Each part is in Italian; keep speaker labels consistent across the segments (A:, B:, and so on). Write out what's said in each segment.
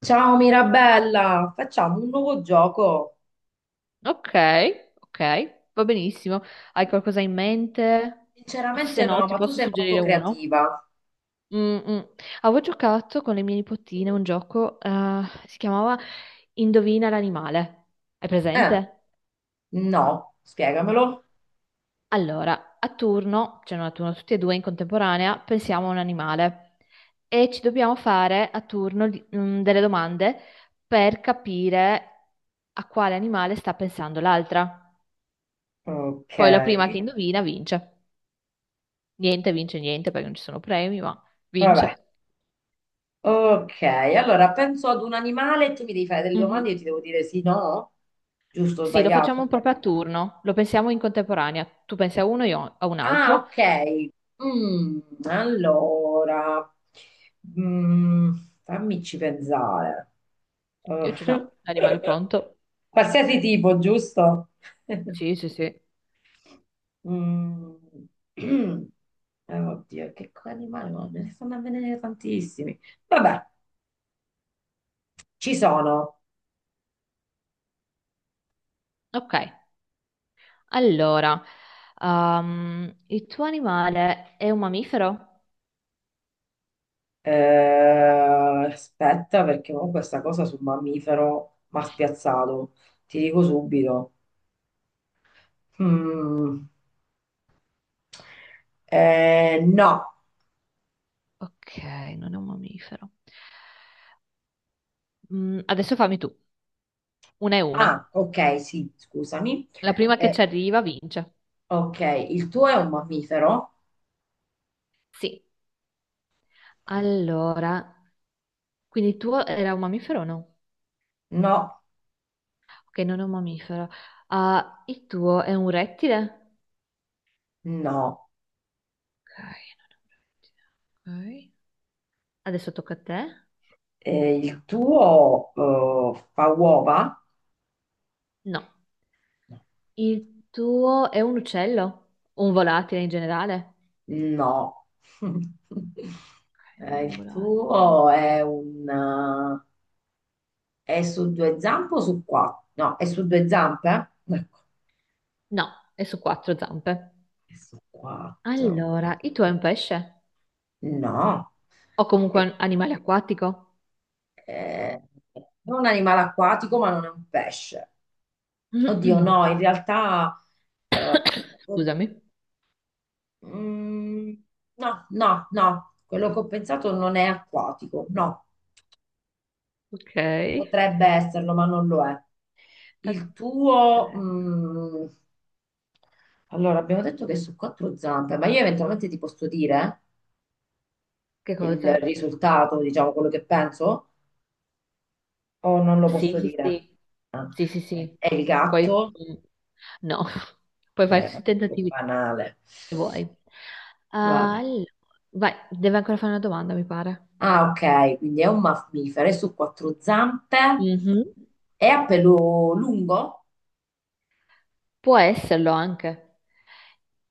A: Ciao Mirabella, facciamo un nuovo gioco.
B: Ok, ok, va benissimo. Hai qualcosa in mente? O se
A: Sinceramente
B: no,
A: no,
B: ti
A: ma tu
B: posso
A: sei molto
B: suggerire uno.
A: creativa.
B: Mm, mm. Avevo giocato con le mie nipotine un gioco, si chiamava Indovina l'animale. Hai
A: Eh,
B: presente?
A: no, spiegamelo.
B: Allora, a turno, cioè non a turno, tutti e due in contemporanea, pensiamo a un animale e ci dobbiamo fare a turno delle domande per capire a quale animale sta pensando l'altra.
A: Ok,
B: Poi la prima che indovina vince. Niente, vince niente perché non ci sono premi, ma
A: vabbè.
B: vince.
A: Ok, allora penso ad un animale e tu mi devi fare delle domande e
B: Mhm.
A: io ti devo dire sì, no? Giusto o
B: Sì, lo facciamo
A: sbagliato?
B: proprio a turno, lo pensiamo in contemporanea. Tu pensi a uno, io a un
A: Ah,
B: altro.
A: ok. Mm, allora, mm, fammici pensare. Eh,
B: Io c'ho già l'animale pronto.
A: Qualsiasi tipo, giusto?
B: Sì, sì, sì.
A: Mm. Oddio, che animale, no, me ne stanno avvenendo tantissimi. Vabbè, ci sono.
B: Ok, allora, il tuo animale è un mammifero?
A: Aspetta, perché ho questa cosa sul mammifero mi ha spiazzato. Ti dico subito. Mm. No.
B: Ok, non è un mammifero. Mm, adesso fammi tu, una e una.
A: Ah, ok, sì, scusami.
B: La prima che ci
A: Eh,
B: arriva vince.
A: ok, il tuo è un mammifero?
B: Sì, allora, quindi il tuo era un mammifero o no?
A: No,
B: Che non è un mammifero. Ah, il tuo è un rettile?
A: no.
B: Ok, non è un rettile. Ok. Adesso tocca a te.
A: Il tuo fa uova?
B: No. Il tuo è un uccello? O un volatile in generale?
A: No.
B: Ok, non
A: Eh,
B: è un
A: il
B: volatile.
A: tuo è un... eh, è su due zampe o su quattro? No, è su due zampe? Ecco,
B: No, è su quattro zampe.
A: è su quattro.
B: Allora, il tuo è un pesce?
A: No.
B: O comunque
A: Eh,
B: un animale acquatico?
A: eh, è un animale acquatico, ma non è un pesce. Oddio, no, in realtà, eh, oh,
B: Scusami.
A: mm, no, no, no. Quello che ho pensato non è acquatico, no.
B: Ok.
A: Potrebbe esserlo, ma non lo è. Il tuo, allora, abbiamo detto che è su quattro zampe, ma io eventualmente ti posso dire
B: Che
A: il
B: cosa?
A: risultato, diciamo, quello che penso, o non lo
B: Sì,
A: posso
B: sì,
A: dire?
B: sì,
A: Ah.
B: sì, sì, sì.
A: È il
B: Poi
A: gatto?
B: no, puoi fare
A: È
B: tutti i
A: un po'
B: tentativi
A: banale.
B: che vuoi. Ah,
A: Vabbè.
B: allora, vai, deve ancora fare una domanda, mi pare.
A: Ah, ok, quindi è un mammifero, è su quattro zampe,
B: Mhm.
A: è a pelo lungo?
B: Può esserlo anche.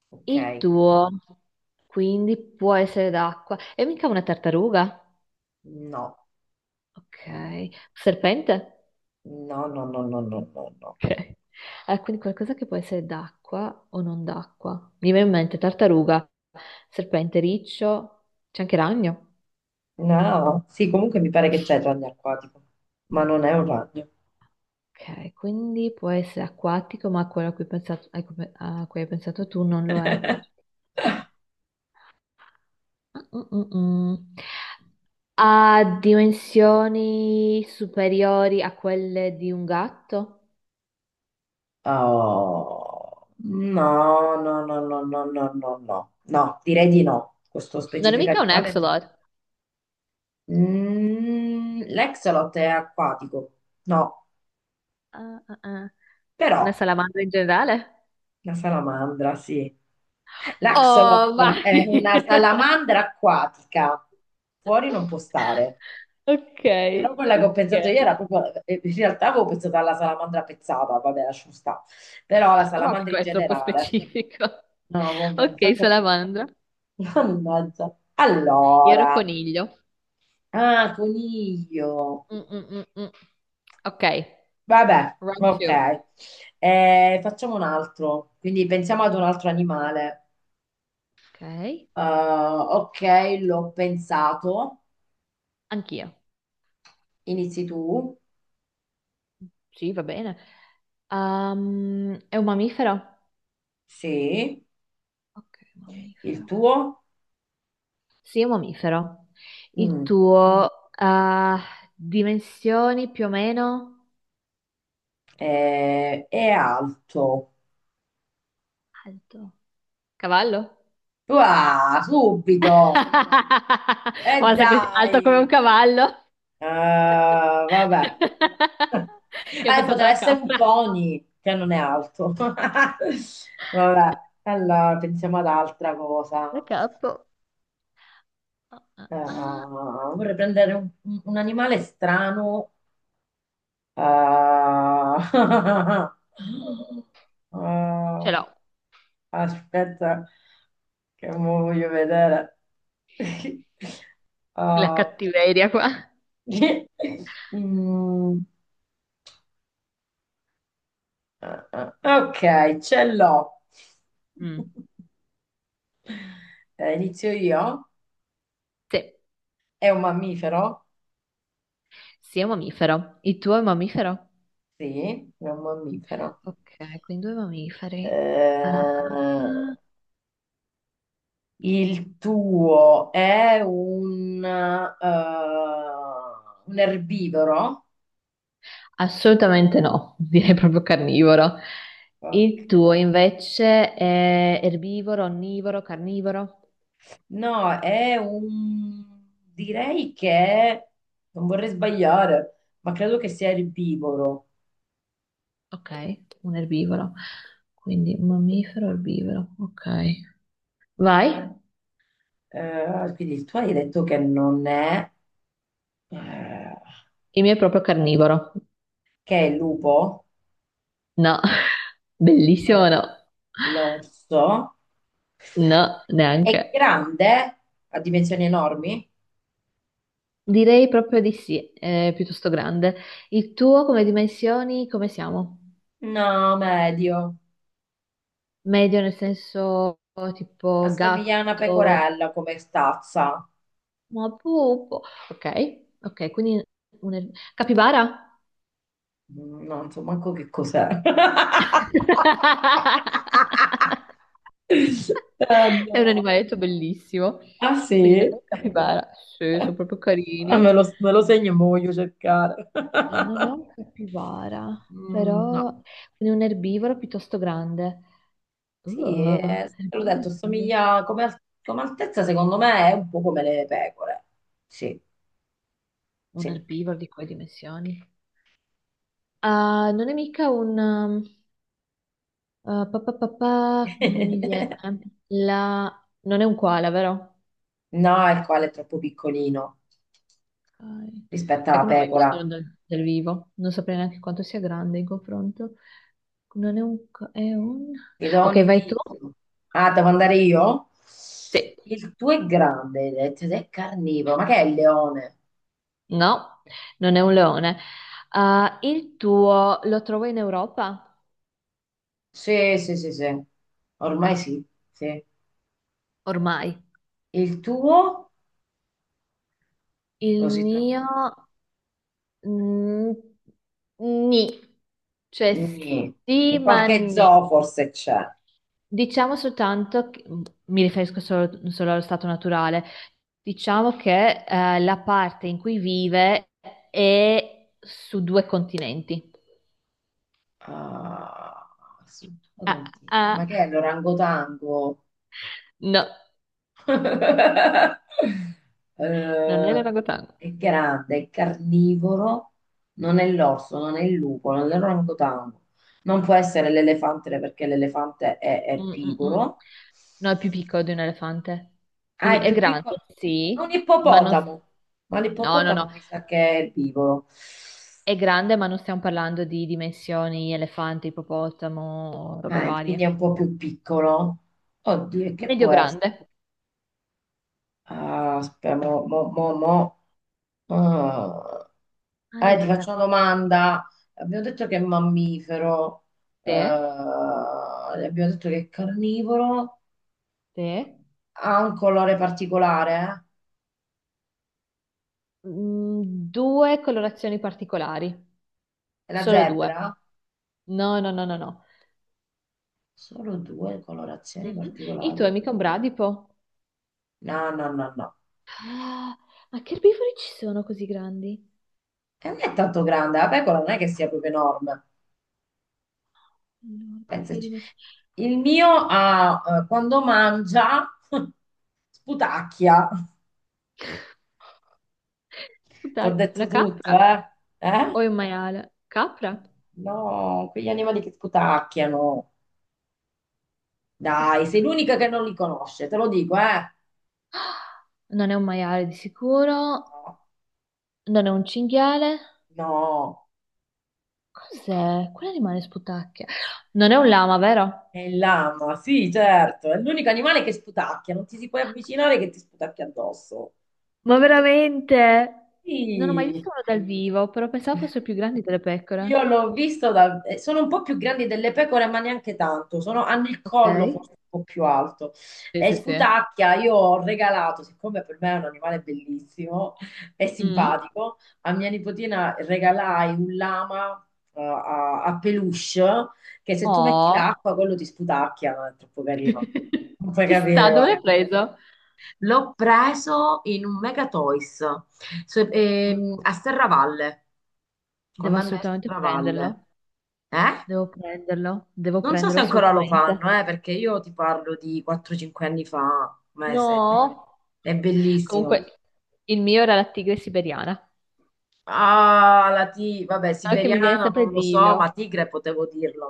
A: Ok,
B: Il tuo, quindi può essere d'acqua. E mica una tartaruga?
A: no, no,
B: Ok. Serpente?
A: no, no, no, no, no, no, no, no.
B: Ok. Ah, quindi qualcosa che può essere d'acqua o non d'acqua. Mi viene in mente tartaruga, serpente, riccio, c'è anche ragno.
A: No, sì, comunque mi pare che c'è il ragno acquatico, ma non è un ragno.
B: Ok, quindi può essere acquatico, ma quello a cui, pensato- a cui hai pensato tu non lo è. Mm, mm, mm. Ha dimensioni superiori a quelle di un gatto?
A: Oh, no, no, no, no, no, no, no, no, no, direi di no. Questo
B: Non è
A: specifico
B: mica un
A: animale no.
B: axolot.
A: L'exolot è acquatico, no,
B: Ah, ah, ah.
A: però
B: Una salamandra in generale?
A: la salamandra, sì. L'axolot
B: Oh,
A: è
B: vai!
A: una salamandra acquatica, fuori non può stare.
B: Ok,
A: Però quella che ho pensato io
B: ok.
A: era proprio, in realtà avevo pensato alla salamandra pezzata, vabbè, lasciamo stare, però alla
B: Vabbè,
A: salamandra
B: qua
A: in
B: è troppo
A: generale.
B: specifico.
A: No, vabbè,
B: Ok,
A: infatti ho pensato.
B: salamandra.
A: Mannaggia.
B: Io ero
A: Allora,
B: coniglio.
A: ah, coniglio.
B: Mm, mm, mm, mm. Ok,
A: Vabbè,
B: round two.
A: ok. Facciamo un altro, quindi pensiamo ad un altro animale.
B: Ok,
A: Ok, l'ho pensato.
B: anch'io.
A: Inizi tu.
B: Sì, va bene. È un mammifero?
A: Sì,
B: Ok,
A: il
B: mammifero.
A: tuo.
B: Sì, è un mammifero. Il
A: Mm.
B: tuo, dimensioni più o meno?
A: È alto.
B: Alto. Cavallo?
A: Ah, subito!
B: No,
A: E
B: guarda, così, alto come un
A: dai!
B: cavallo.
A: Ah, vabbè.
B: Io ho
A: Eh,
B: pensato
A: potrà
B: alla
A: essere un
B: capra.
A: pony, che non è alto. Vabbè, allora pensiamo ad altra cosa.
B: La capo. Ah, ah, ah.
A: Ah, vorrei prendere un animale strano. Ah,
B: Ce
A: ah,
B: l'ho,
A: aspetta, che mo voglio vedere.
B: la
A: Ah,
B: cattiveria qua.
A: Mm, ah, ok, ce l'ho.
B: Mm,
A: Inizio io.
B: sì,
A: È un mammifero?
B: sì, è un mammifero. Il tuo è un mammifero?
A: Sì, è un mammifero.
B: Ok, quindi due mammiferi. Ah,
A: Eh, il tuo è un erbivoro?
B: assolutamente no, direi proprio carnivoro.
A: Ok.
B: Il tuo invece è erbivoro, onnivoro, carnivoro?
A: No, è un, direi che, non vorrei sbagliare, ma credo che sia erbivoro.
B: Ok, un erbivoro. Quindi un mammifero, erbivoro. Ok. Vai.
A: Quindi tu hai detto che non è, eh,
B: Il mio è proprio carnivoro.
A: che è il lupo,
B: No,
A: o
B: bellissimo, no.
A: l'orso,
B: No,
A: è
B: neanche.
A: grande, ha dimensioni enormi?
B: Direi proprio di sì, è piuttosto grande. Il tuo come dimensioni, come siamo?
A: No, medio,
B: Medio nel senso tipo
A: assomiglia a una
B: gatto,
A: pecorella come stazza.
B: ma pupo. Ok, ok, quindi un... er-, capibara?
A: Non so manco che cos'è. Ah,
B: È un
A: no.
B: animaletto bellissimo.
A: Ah,
B: Quindi
A: sì?
B: non è un capibara. Sì, sono proprio
A: Ah, me
B: carini.
A: lo, me lo segno e me lo voglio cercare.
B: Non è un capibara,
A: No.
B: però quindi un erbivoro piuttosto grande.
A: Sì,
B: Oh,
A: te l'ho detto,
B: erbivori grandi.
A: somiglia come, come altezza, secondo me è un po' come le pecore. Sì,
B: Un
A: sì.
B: erbivoro di quelle dimensioni? Ah, non è mica un... ah, pa, pa, pa, pa, non mi viene. La... Non è un koala, vero?
A: No, il koala è troppo piccolino
B: Ok.
A: rispetto
B: Sai
A: alla
B: che non ho mai visto
A: pecora.
B: dal vivo. Non saprei neanche quanto sia grande in confronto. Non è un... co- È un...
A: Ti do un
B: Ok, vai tu.
A: indizio. Ah, devo andare io?
B: Sì.
A: Il tuo è grande, hai detto, ed è carnivoro. Ma che è il leone?
B: No, non è un leone. Ah, il tuo lo trovo in Europa?
A: Sì, sì, sì, sì. Ormai sì, sì.
B: Ormai.
A: Il tuo
B: Il
A: lo si
B: mio...
A: trova?
B: Mm, ni, cioè
A: Nì.
B: sì,
A: In
B: ma
A: qualche
B: ni.
A: zoo forse c'è.
B: Diciamo soltanto, che- mi riferisco solo allo stato naturale, diciamo che la parte in cui vive è su due continenti.
A: Ah, struttura
B: Ah,
A: continua. Ma
B: ah,
A: che è l'orangotango?
B: no, non è
A: Eh,
B: l'orangotango.
A: è grande, è carnivoro, non è l'orso, non è il lupo, non è l'orangotango. Non può essere l'elefante perché l'elefante è
B: Mm, mm, mm.
A: erbivoro.
B: No, è più piccolo di un elefante.
A: Ah,
B: Quindi
A: è
B: è
A: più
B: grande,
A: piccolo. È un
B: sì, ma non...
A: ippopotamo, ma
B: No, no, no.
A: l'ippopotamo mi sa che è erbivoro.
B: È grande, ma non stiamo parlando di dimensioni elefante, ippopotamo, robe
A: Ah, e quindi è
B: varie.
A: un po' più piccolo. Oddio, e che
B: Medio
A: può essere?
B: grande.
A: Ah, aspetta, mo, mo, mo, mo. Ah, ti faccio
B: Allora,
A: una
B: quindi
A: domanda. Abbiamo detto che è mammifero,
B: te,
A: abbiamo detto che è carnivoro,
B: te,
A: ha un colore particolare, eh?
B: mm, due colorazioni particolari,
A: È la
B: solo due.
A: zebra?
B: No, no, no, no, no.
A: Solo due colorazioni
B: Mhm. Il tuo è
A: particolari.
B: mica un bradipo?
A: No, no, no, no.
B: Ah, ma che erbivori ci sono così grandi?
A: E non è tanto grande, la pecora non è che sia proprio enorme.
B: Allora, di quelle
A: Pensaci.
B: dimensioni.
A: Il mio ha, quando mangia, sputacchia. Ti ho
B: Dai,
A: detto
B: una
A: tutto,
B: capra?
A: eh? Eh?
B: O è un maiale? Capra?
A: No, quegli animali che sputacchiano.
B: Chi è che
A: Dai, sei
B: sputa?
A: l'unica che non li conosce, te lo dico, eh?
B: Non è un maiale di sicuro,
A: No,
B: non è un cinghiale.
A: no,
B: Cos'è? Quale rimane sputacchia? Non è un lama, vero?
A: è il lama, sì, certo, è l'unico animale che sputacchia, non ti si puoi avvicinare che ti sputacchia addosso.
B: Ma veramente? Non ho mai visto
A: Sì.
B: uno dal vivo, però pensavo fosse più grande delle
A: Io
B: pecore.
A: l'ho visto, sono un po' più grandi delle pecore, ma neanche tanto, hanno il
B: Ok.
A: collo forse un po' più alto.
B: Sì,
A: E
B: sì, sì.
A: Scutacchia io ho regalato, siccome per me è un animale bellissimo e
B: Mm.
A: simpatico, a mia nipotina regalai un lama a peluche che se tu metti
B: Oh,
A: l'acqua quello ti sputacchia, no? È troppo carino. Non puoi
B: ci sta,
A: capire,
B: dove
A: guarda.
B: l'hai preso?
A: L'ho preso in un Mega Toys a Serravalle,
B: Devo
A: quando andai a
B: assolutamente
A: Serravalle.
B: prenderlo.
A: Eh?
B: Devo prenderlo, devo
A: Non so se
B: prenderlo
A: ancora lo
B: assolutamente.
A: fanno, perché io ti parlo di 4-5 anni fa, ma è, è be-
B: No.
A: è bellissimo.
B: Comunque, il mio era la tigre siberiana.
A: Ah, vabbè,
B: No, che mi viene
A: siberiana
B: sempre
A: non lo so, ma
B: Divio,
A: tigre potevo dirlo,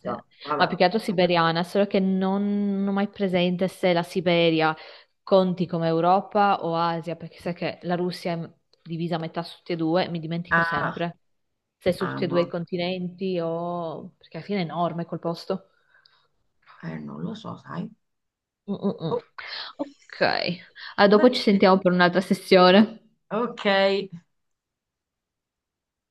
B: sì, ma
A: Vabbè.
B: più che altro siberiana, solo che non ho mai presente se la Siberia conti come Europa o Asia, perché sai che la Russia è divisa a metà su tutti e due, mi dimentico
A: Ah,
B: sempre se è su
A: ah,
B: tutti e due i
A: no,
B: continenti o... perché alla fine è enorme quel posto.
A: non lo so, sai.
B: Mm, mm, mm.
A: Oh,
B: Ok, ah,
A: va
B: dopo ci
A: bene.
B: sentiamo per un'altra sessione.
A: Ok.